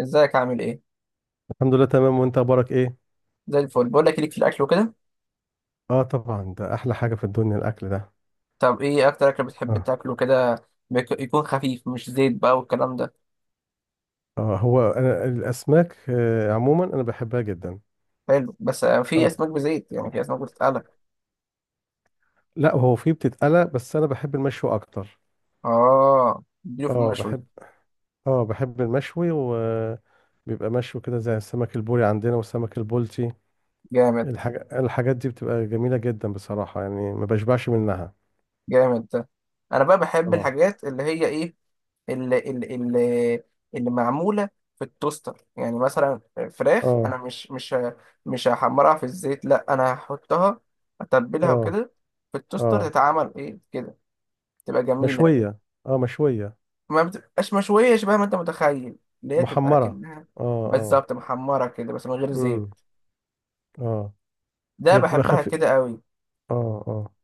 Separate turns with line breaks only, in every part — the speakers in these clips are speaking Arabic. ازيك؟ عامل ايه؟
الحمد لله، تمام. وانت اخبارك ايه؟
زي الفل. بقول لك، ليك في الاكل وكده؟
اه، طبعا ده احلى حاجه في الدنيا الاكل ده.
طب ايه اكتر اكل بتحب
اه.
تاكله كده؟ يكون خفيف، مش زيت بقى والكلام ده.
آه، هو انا الاسماك عموما انا بحبها جدا.
حلو. بس في
اه،
اسماك بزيت يعني، في اسماك بتتقلى.
لا، هو في بتتقلى بس انا بحب المشوي اكتر.
اه، اديله في
اه،
المشوي.
بحب. اه، بحب المشوي وبيبقى مشوي كده، زي السمك البوري عندنا والسمك البلطي.
جامد.
الحاجات دي بتبقى جميله جدا بصراحه، يعني ما بشبعش منها.
جامد ده. انا بقى بحب
اه،
الحاجات اللي هي ايه، اللي اللي اللي, اللي معموله في التوستر يعني، مثلا فراخ. انا
اه،
مش هحمرها في الزيت، لا انا هحطها، اتبلها
اه،
وكده، في التوستر
اه.
تتعمل ايه كده، تبقى جميله.
مشويه. اه، مشويه.
ما بتبقاش مشوية شبه ما انت متخيل، اللي هي تبقى
محمره.
كأنها
اه، اه.
بالظبط محمرة كده بس من غير
امم.
زيت.
اه.
ده
هي بتبقى
بحبها
خفيف.
كده قوي.
اه، اه.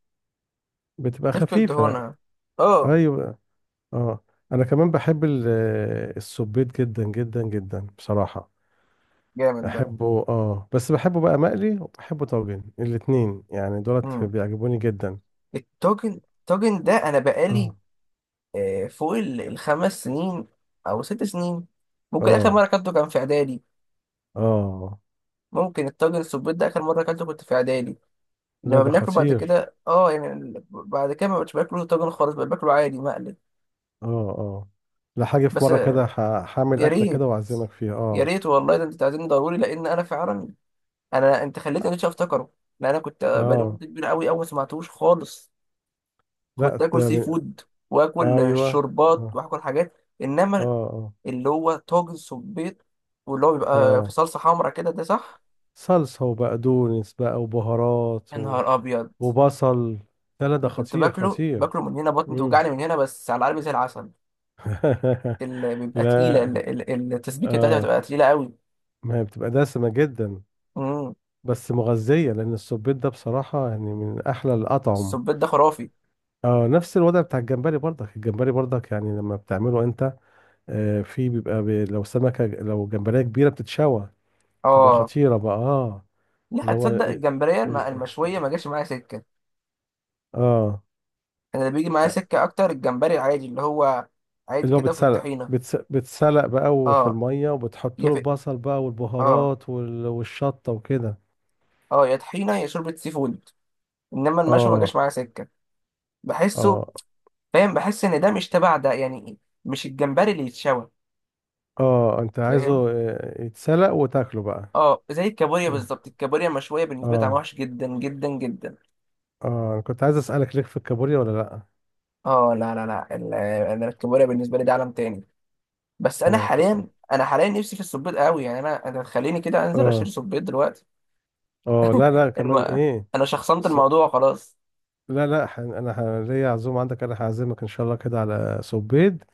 بتبقى
تفقد
خفيفة.
دهونها. اه،
ايوه. اه. انا كمان بحب السبيط جدا جدا جدا بصراحة.
جامد ده.
احبه، اه، بس بحبه بقى مقلي وبحبه طاجن، الاتنين يعني دولت
مم.
بيعجبوني جدا.
الطاجن ده انا بقالي
اه،
فوق 5 سنين او 6 سنين، ممكن اخر مرة
اه،
اكلته كان في اعدادي.
اه.
ممكن الطاجن السبيط ده اخر مرة اكلته كنت في اعدادي.
لا،
لما
ده
بناكله بعد
خطير.
كده، اه يعني بعد كده ما بقتش باكله طاجن خالص، بقيت باكله عادي مقلي.
اه، اه. لا، حاجة في
بس
مرة كده ه-
آه،
هعمل
يا
أكلة
ريت.
كده وأعزمك فيها،
يا
اه.
ريت والله. ده انت تعزمني ضروري، لان انا فعلا، انا انت خليتني نفسي افتكره. لان انا كنت بقالي
اه.
مده كبيره قوي اول ما سمعتوش خالص. كنت
لا،
اكل
ده
سي
من.
فود، واكل
ايوه.
شوربات،
اه،
واكل حاجات.
اه،
انما
اه،
اللي هو طاجن صبيط، واللي هو بيبقى في
اه.
صلصه حمرا كده، ده صح.
صلصة وبقدونس بقى وبهارات
يا نهار ابيض.
وبصل. لا، لا، ده
انا كنت
خطير
باكله،
خطير.
من هنا بطني
مم.
توجعني، من هنا بس على قلبي زي العسل. اللي بيبقى تقيله
لا،
التسبيكه بتاعتها
آه.
بتبقى تقيله قوي.
ما هي بتبقى دسمة جدا.
امم
بس مغذية، لأن السبيط ده بصراحة يعني من أحلى الأطعم.
الصبيط ده خرافي.
آه، نفس الوضع بتاع الجمبري برضك يعني لما بتعمله أنت. آه، في بيبقى لو سمكة، لو جمبرية كبيرة بتتشوى. تبقى
اه،
خطيرة بقى، آه.
لا
اللي هو
تصدق،
آه.
الجمبريه المشويه ما جاش معايا سكه.
آه.
انا اللي بيجي معايا سكه اكتر الجمبري العادي، اللي هو عادي
اللي هو
كده في
بيتسلق،
الطحينه.
بتسلق بقى في
اه،
المية، وبتحط
يا
له
في،
البصل بقى
اه،
والبهارات والشطة وكده.
اه يا طحينه يا شوربه سي فود. انما المشوي ما جاش
اه،
معايا سكه. بحسه.
اه.
فاهم، بحس ان ده مش تبع ده يعني، مش الجمبري اللي يتشوى.
اه، انت
فاهم.
عايزه، يتسلق وتاكله بقى.
اه، زي الكابوريا بالظبط. الكابوريا مشويه بالنسبه لي طعمها
اه،
وحش جدا جدا جدا.
اه، انا كنت عايز اسألك، ليك في الكابوريا ولا لا؟
اه، لا لا لا. انا الكابوريا بالنسبه لي ده عالم تاني. بس انا
اه
حاليا،
خ-
نفسي في السبيط قوي يعني. انا، خليني كده انزل اشتري
اه،
سبيط دلوقتي.
اه. لا، لا، كمان
الم...
ايه
انا شخصنت
س...
الموضوع خلاص.
لا، لا. ليا عزومة عندك، انا هعزمك ان شاء الله كده على سبيد.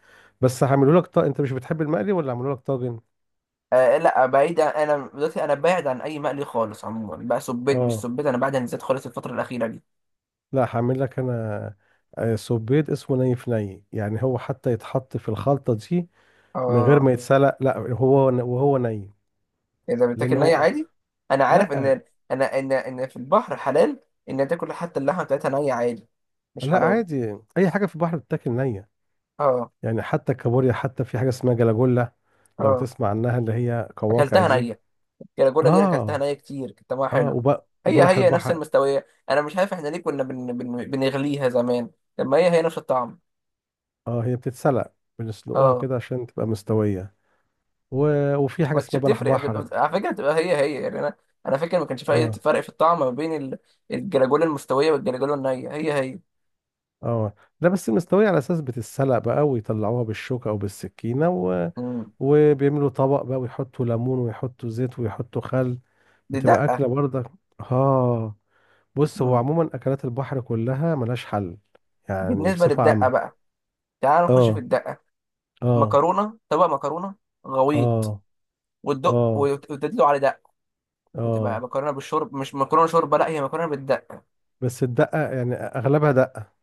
بس هعمله لك انت مش بتحب المقلي ولا هعمله لك طاجن؟
لا، انا دلوقتي، بعيد عن اي مقلي خالص. عموما بقى سبيت مش
اه،
سبيت، انا بعد عن الزيت خالص الفتره الاخيره دي.
لا، هعمل لك انا. آه، سوبيت اسمه ني في ني، يعني هو حتى يتحط في الخلطة دي. من غير
اه.
ما يتسلق، لا هو. وهو ني.
اذا
لان
بتاكل ني
هو.
عادي، انا عارف ان،
لا.
انا ان في البحر حلال ان تاكل حتى اللحمه بتاعتها نيه عادي، مش
لا،
حرام.
عادي اي حاجة في البحر بتاكل نية.
اه،
يعني حتى الكابوريا، حتى في حاجة اسمها جلاجولا. لو
اه،
تسمع عنها، اللي هي قواقع
اكلتها
دي.
نيه. الجلاجولا دي انا اكلتها
اه.
نيه كتير، كانت طعمها
اه،
حلو.
وب...
هي
وبلح
هي نفس
البحر.
المستويه. انا مش عارف احنا ليه كنا بن بن بنغليها زمان لما هي هي نفس الطعم.
اه، هي بتتسلق. بنسلقوها
اه،
كده عشان تبقى مستوية و... وفي حاجة
ما كانتش
اسمها بلح
بتفرق.
بحر.
على فكره بتبقى هي هي، يعني انا، انا فاكر ما كانش في اي
اه.
فرق في الطعم ما بين الجلاجولا المستويه والجلاجولا النيه، هي هي.
اه، لا، بس مستوية على اساس بتتسلق بقى، ويطلعوها بالشوكة او بالسكينة.
مم.
وبيعملوا طبق بقى، ويحطوا ليمون، ويحطوا زيت، ويحطوا خل.
دي
بتبقى
دقه.
اكلة برضك. اه. بص، هو
مم.
عموما اكلات البحر كلها ملهاش حل. يعني
بالنسبه
بصفة
للدقه
عامة.
بقى، تعال نخش في
اه،
الدقه.
اه،
مكرونه، طبق مكرونه غويط،
اه،
وتدق،
اه.
وتدلو على دق، وتبقى
اه،
مكرونه بالشرب، مش مكرونه شوربه، لا هي مكرونه بالدقه.
بس الدقة يعني اغلبها دقة.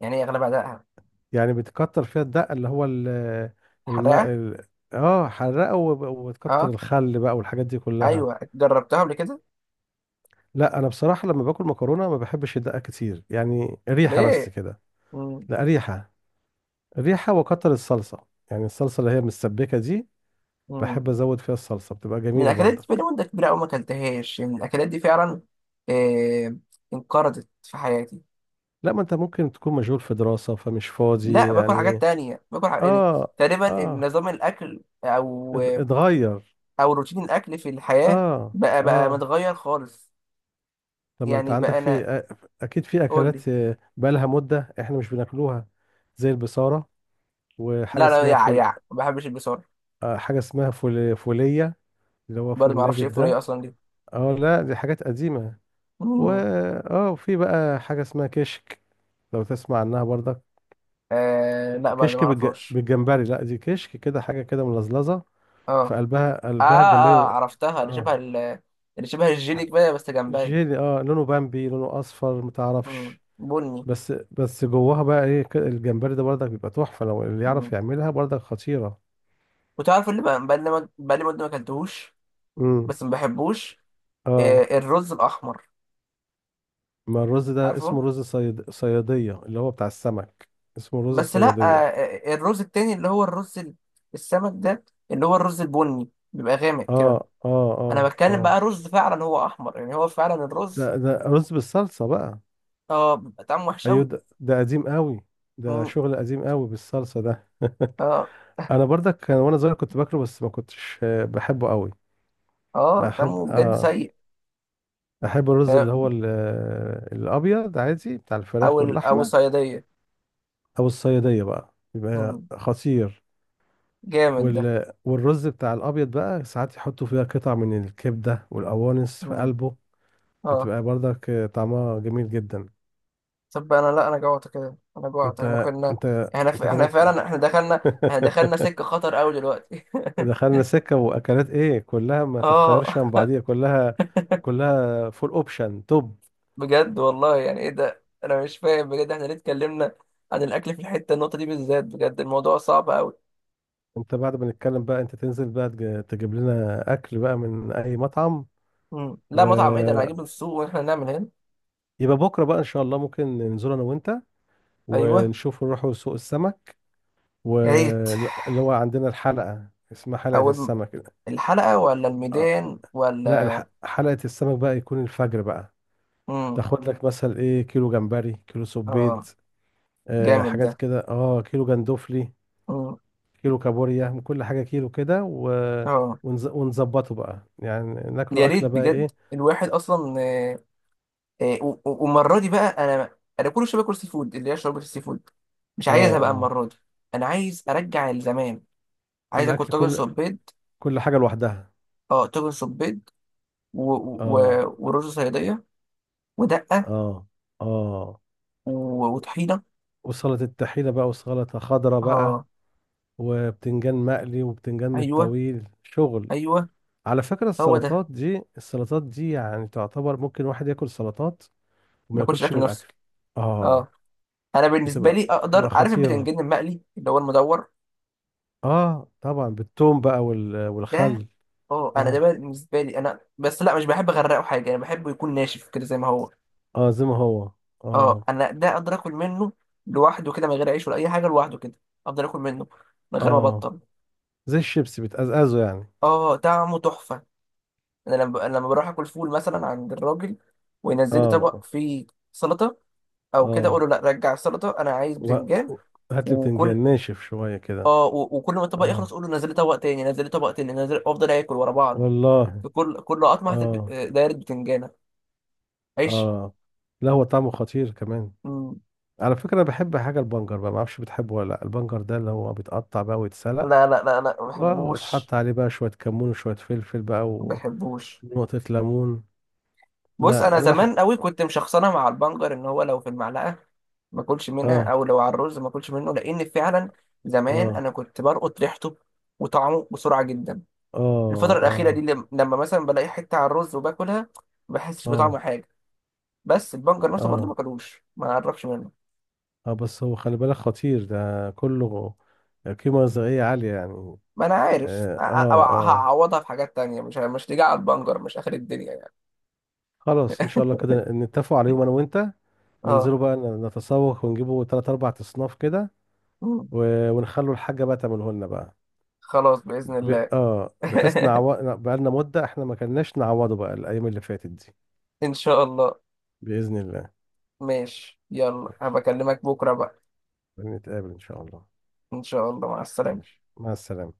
يعني هي اغلبها دقه،
يعني بتكتر فيها الدقة، اللي هو. الماء
حرقه.
ال... اه، حرقة، وبتكتر
اه،
الخل بقى والحاجات دي كلها.
ايوه جربتها قبل كده.
لا، انا بصراحه لما باكل مكرونه، ما بحبش الدقه كتير، يعني ريحه بس
ليه؟
كده.
مم.
لا، ريحه. ريحه وكتر الصلصه. يعني الصلصه اللي هي متسبكه دي. بحب
مم.
ازود فيها الصلصه، بتبقى
من
جميله
الاكلات دي بقالي
برضك.
مده كبيره قوي ما اكلتهاش. يعني من الاكلات دي فعلا، آه انقرضت في حياتي.
لا، ما انت ممكن تكون مشغول في دراسه، فمش فاضي
لا، باكل حاجات
يعني.
تانية، يعني
اه،
تقريبا
اه،
نظام الاكل او،
اتغير.
او روتين الاكل في الحياه
اه،
بقى
اه.
متغير خالص.
طب، ما انت
يعني
عندك
بقى انا،
في. اكيد في
قول لي.
اكلات، بقالها مده احنا مش بناكلوها. زي البصاره. وحاجه
لا لا،
اسمها
يع
فول.
يع ما بحبش البصل.
آه، حاجه اسمها فول فوليه. اللي هو
برضه
فول
ما اعرفش
نابت
ايه الفوريه
ده.
اصلا دي.
اه، لا، دي حاجات قديمة. و
مم.
اه وفي بقى حاجة اسمها كشك. لو تسمع عنها برضك.
لا، برضه ما
كشك بالج...
اعرفهاش.
بالجمبري لا دي كشك كده، حاجة كده ملزلزة. في
اه،
قلبها
اه،
قلبها
اه،
الجمبري.
عرفتها. اللي شبه
اه،
اللي شبه الجيلي كده بس جمبري.
جيلي، لونه بامبي، لونه اصفر،
مم.
متعرفش.
بني.
بس جواها بقى ايه الجمبري ده برضك بيبقى تحفة، لو اللي يعرف
مم.
يعملها برضك خطيرة.
وتعرف اللي بقى بقالي بقالي مدة ما اكلتهوش،
امم.
بس ما بحبوش.
اه،
الرز الأحمر.
ما الرز ده
عارفه.
اسمه رز صيادية، اللي هو بتاع السمك. اسمه رز
بس لا.
صيادية.
الرز التاني اللي هو الرز السمك ده، اللي هو الرز البني بيبقى غامق كده.
اه، اه،
أنا
اه،
بتكلم
اه.
بقى رز فعلا هو أحمر، يعني هو فعلا الرز.
ده رز بالصلصة بقى.
اه، بيبقى طعمه وحش
ايوه،
أوي.
ده قديم قوي. ده
مم.
شغل قديم قوي بالصلصة ده.
اه،
انا برضك كان وانا صغير كنت باكله، بس ما كنتش بحبه قوي.
اه،
احب،
طعمه بجد
اه.
سيء.
احب الرز
آه،
اللي هو الابيض عادي بتاع
أو
الفراخ
أو
واللحمه.
الصيادية.
او الصياديه بقى بيبقى
مم.
خطير.
جامد ده.
والرز بتاع الابيض بقى، ساعات يحطوا فيها قطع من الكبده والقوانص في
مم.
قلبه.
اه.
بتبقى برضك، طعمها جميل جدا.
طب انا، لا انا جوعت كده، انا جوعت. احنا
انت
كنا،
انت انت
احنا
كمان.
فعلا احنا دخلنا، احنا دخلنا سكة خطر قوي دلوقتي.
دخلنا سكة واكلات ايه؟ كلها ما
اه،
تتخيرش عن بعضيها، كلها. كلها فول اوبشن توب.
بجد والله. يعني ايه ده، انا مش فاهم بجد، احنا ليه اتكلمنا عن الاكل في الحتة النقطة دي بالذات؟ بجد الموضوع صعب قوي.
انت بعد ما نتكلم بقى، انت تنزل بقى تجيب لنا اكل بقى من اي مطعم.
مم. لا، مطعم ايه ده، انا هجيبه
ويبقى.
من السوق واحنا نعمل هنا.
بكرة بقى ان شاء الله ممكن ننزل انا وانت.
ايوه.
ونشوف نروحوا سوق السمك.
يا ريت.
واللي هو عندنا الحلقة اسمها حلقة
اول م-
السمك.
الحلقة ولا
آه،
الميدان
لا،
ولا؟
حلقة السمك بقى يكون الفجر بقى.
مم.
تاخد لك مثلا ايه، كيلو جمبري، كيلو
اه.
سبيط. آه،
جامد ده.
حاجات كده، كيلو جندوفلي.
مم.
كيلو كابوريا، من كل حاجة كيلو كده.
اه.
ونظبطه بقى، يعني
يا
ناكله
ريت
أكلة بقى
بجد،
إيه.
الواحد اصلا. والمره دي بقى، انا كل شويه باكل سي فود، اللي هي شوربه السي فود. مش
آه،
عايزها بقى
آه.
المره دي. انا عايز ارجع لزمان. عايز اكل
الأكل
طاجن
كل
صبيط.
كل حاجة لوحدها.
اه، طاجن صبيط، و... و...
آه،
ورز صياديه، ودقه،
آه، آه.
و... وطحينه.
وسلطة الطحينة بقى، وسلطة خضراء بقى.
اه.
وبتنجان مقلي، وبتنجان من
ايوه.
الطويل شغل.
ايوه.
على فكرة،
هو ده.
السلطات دي، السلطات دي يعني تعتبر ممكن واحد ياكل سلطات.
ما
وما
باكلش
ياكلش
اكل
من
نفسه.
الأكل.
اه.
آه.
انا بالنسبه
بتبقى
لي
بتبقى
اقدر، عارف
خطيرة.
البتنجان المقلي اللي هو المدور
آه، طبعا بالثوم بقى وال...
ده.
والخل
اه، انا ده
آه،
بالنسبه لي، انا بس لا مش بحب اغرقه حاجه، انا بحبه يكون ناشف كده زي ما هو.
اه، زي ما هو.
اه
اه،
انا ده اقدر اكل منه لوحده كده من غير عيش ولا اي حاجه، لوحده كده افضل اكل منه من غير ما
اه.
ابطل.
زي الشيبسي بتقزقزه يعني.
اه، طعمه تحفه. انا لما، أنا لما بروح اكل فول مثلا عند الراجل، وينزل لي طبق
اه،
فيه سلطه، او كده، اقول
اه.
له لا، رجع السلطه، انا عايز
و...
بتنجان.
و- هات لي بتنجان
وكل،
ناشف شوية كده.
اه، وكل ما الطبق يخلص
اه،
اقول له نزل لي طبق تاني، نزل لي طبق تاني، نزل، افضل اكل ورا بعض.
والله.
في كل قطمه
اه،
دايره بتنجانه عيش.
اه، لا، هو طعمه خطير كمان.
مم.
على فكرة، أنا بحب حاجة البنجر بقى، معرفش بتحبه ولا لا، البنجر ده اللي هو بيتقطع بقى ويتسلق.
لا لا لا لا، ما
ويتحط
بحبوش،
عليه بقى شوية كمون وشوية فلفل بقى.
ما بحبوش.
ونقطة ليمون.
بص،
لا،
انا
أنا بحب.
زمان قوي كنت مشخصنه مع البنجر ان هو لو في المعلقه ما اكلش منها،
اه،
او لو على الرز ما اكلش منه، لان فعلا زمان
اه،
انا كنت بلقط ريحته وطعمه بسرعه جدا.
اه،
الفتره الاخيره دي
اه،
لما مثلا بلاقي حته على الرز وباكلها، ما بحسش بطعم
اه،
حاجه. بس البنجر نفسه برضه
اه.
ما كلوش، ما اعرفش منه.
اه، بس هو خلي بالك، خطير ده كله. قيمة غذائية عالية يعني.
ما انا عارف.
اه، اه، آه.
هعوضها في حاجات تانية، مش تيجي على البنجر، مش اخر الدنيا يعني.
خلاص، ان شاء الله كده نتفقوا عليهم انا وانت.
اه.
ننزلوا بقى نتسوق ونجيبوا تلات اربع اصناف كده.
مم.
ونخلوا الحاجة بقى تعمله لنا بقى.
خلاص باذن
ب...
الله.
اه بحيث بقى لنا مدة، احنا ما كناش نعوضه بقى الايام اللي فاتت دي.
ان شاء الله.
بإذن الله.
ماشي، يلا
ماشي.
هبكلمك بكره بقى.
نتقابل ان شاء الله.
إن شاء الله، مع السلامة.
ماشي، مع السلامة.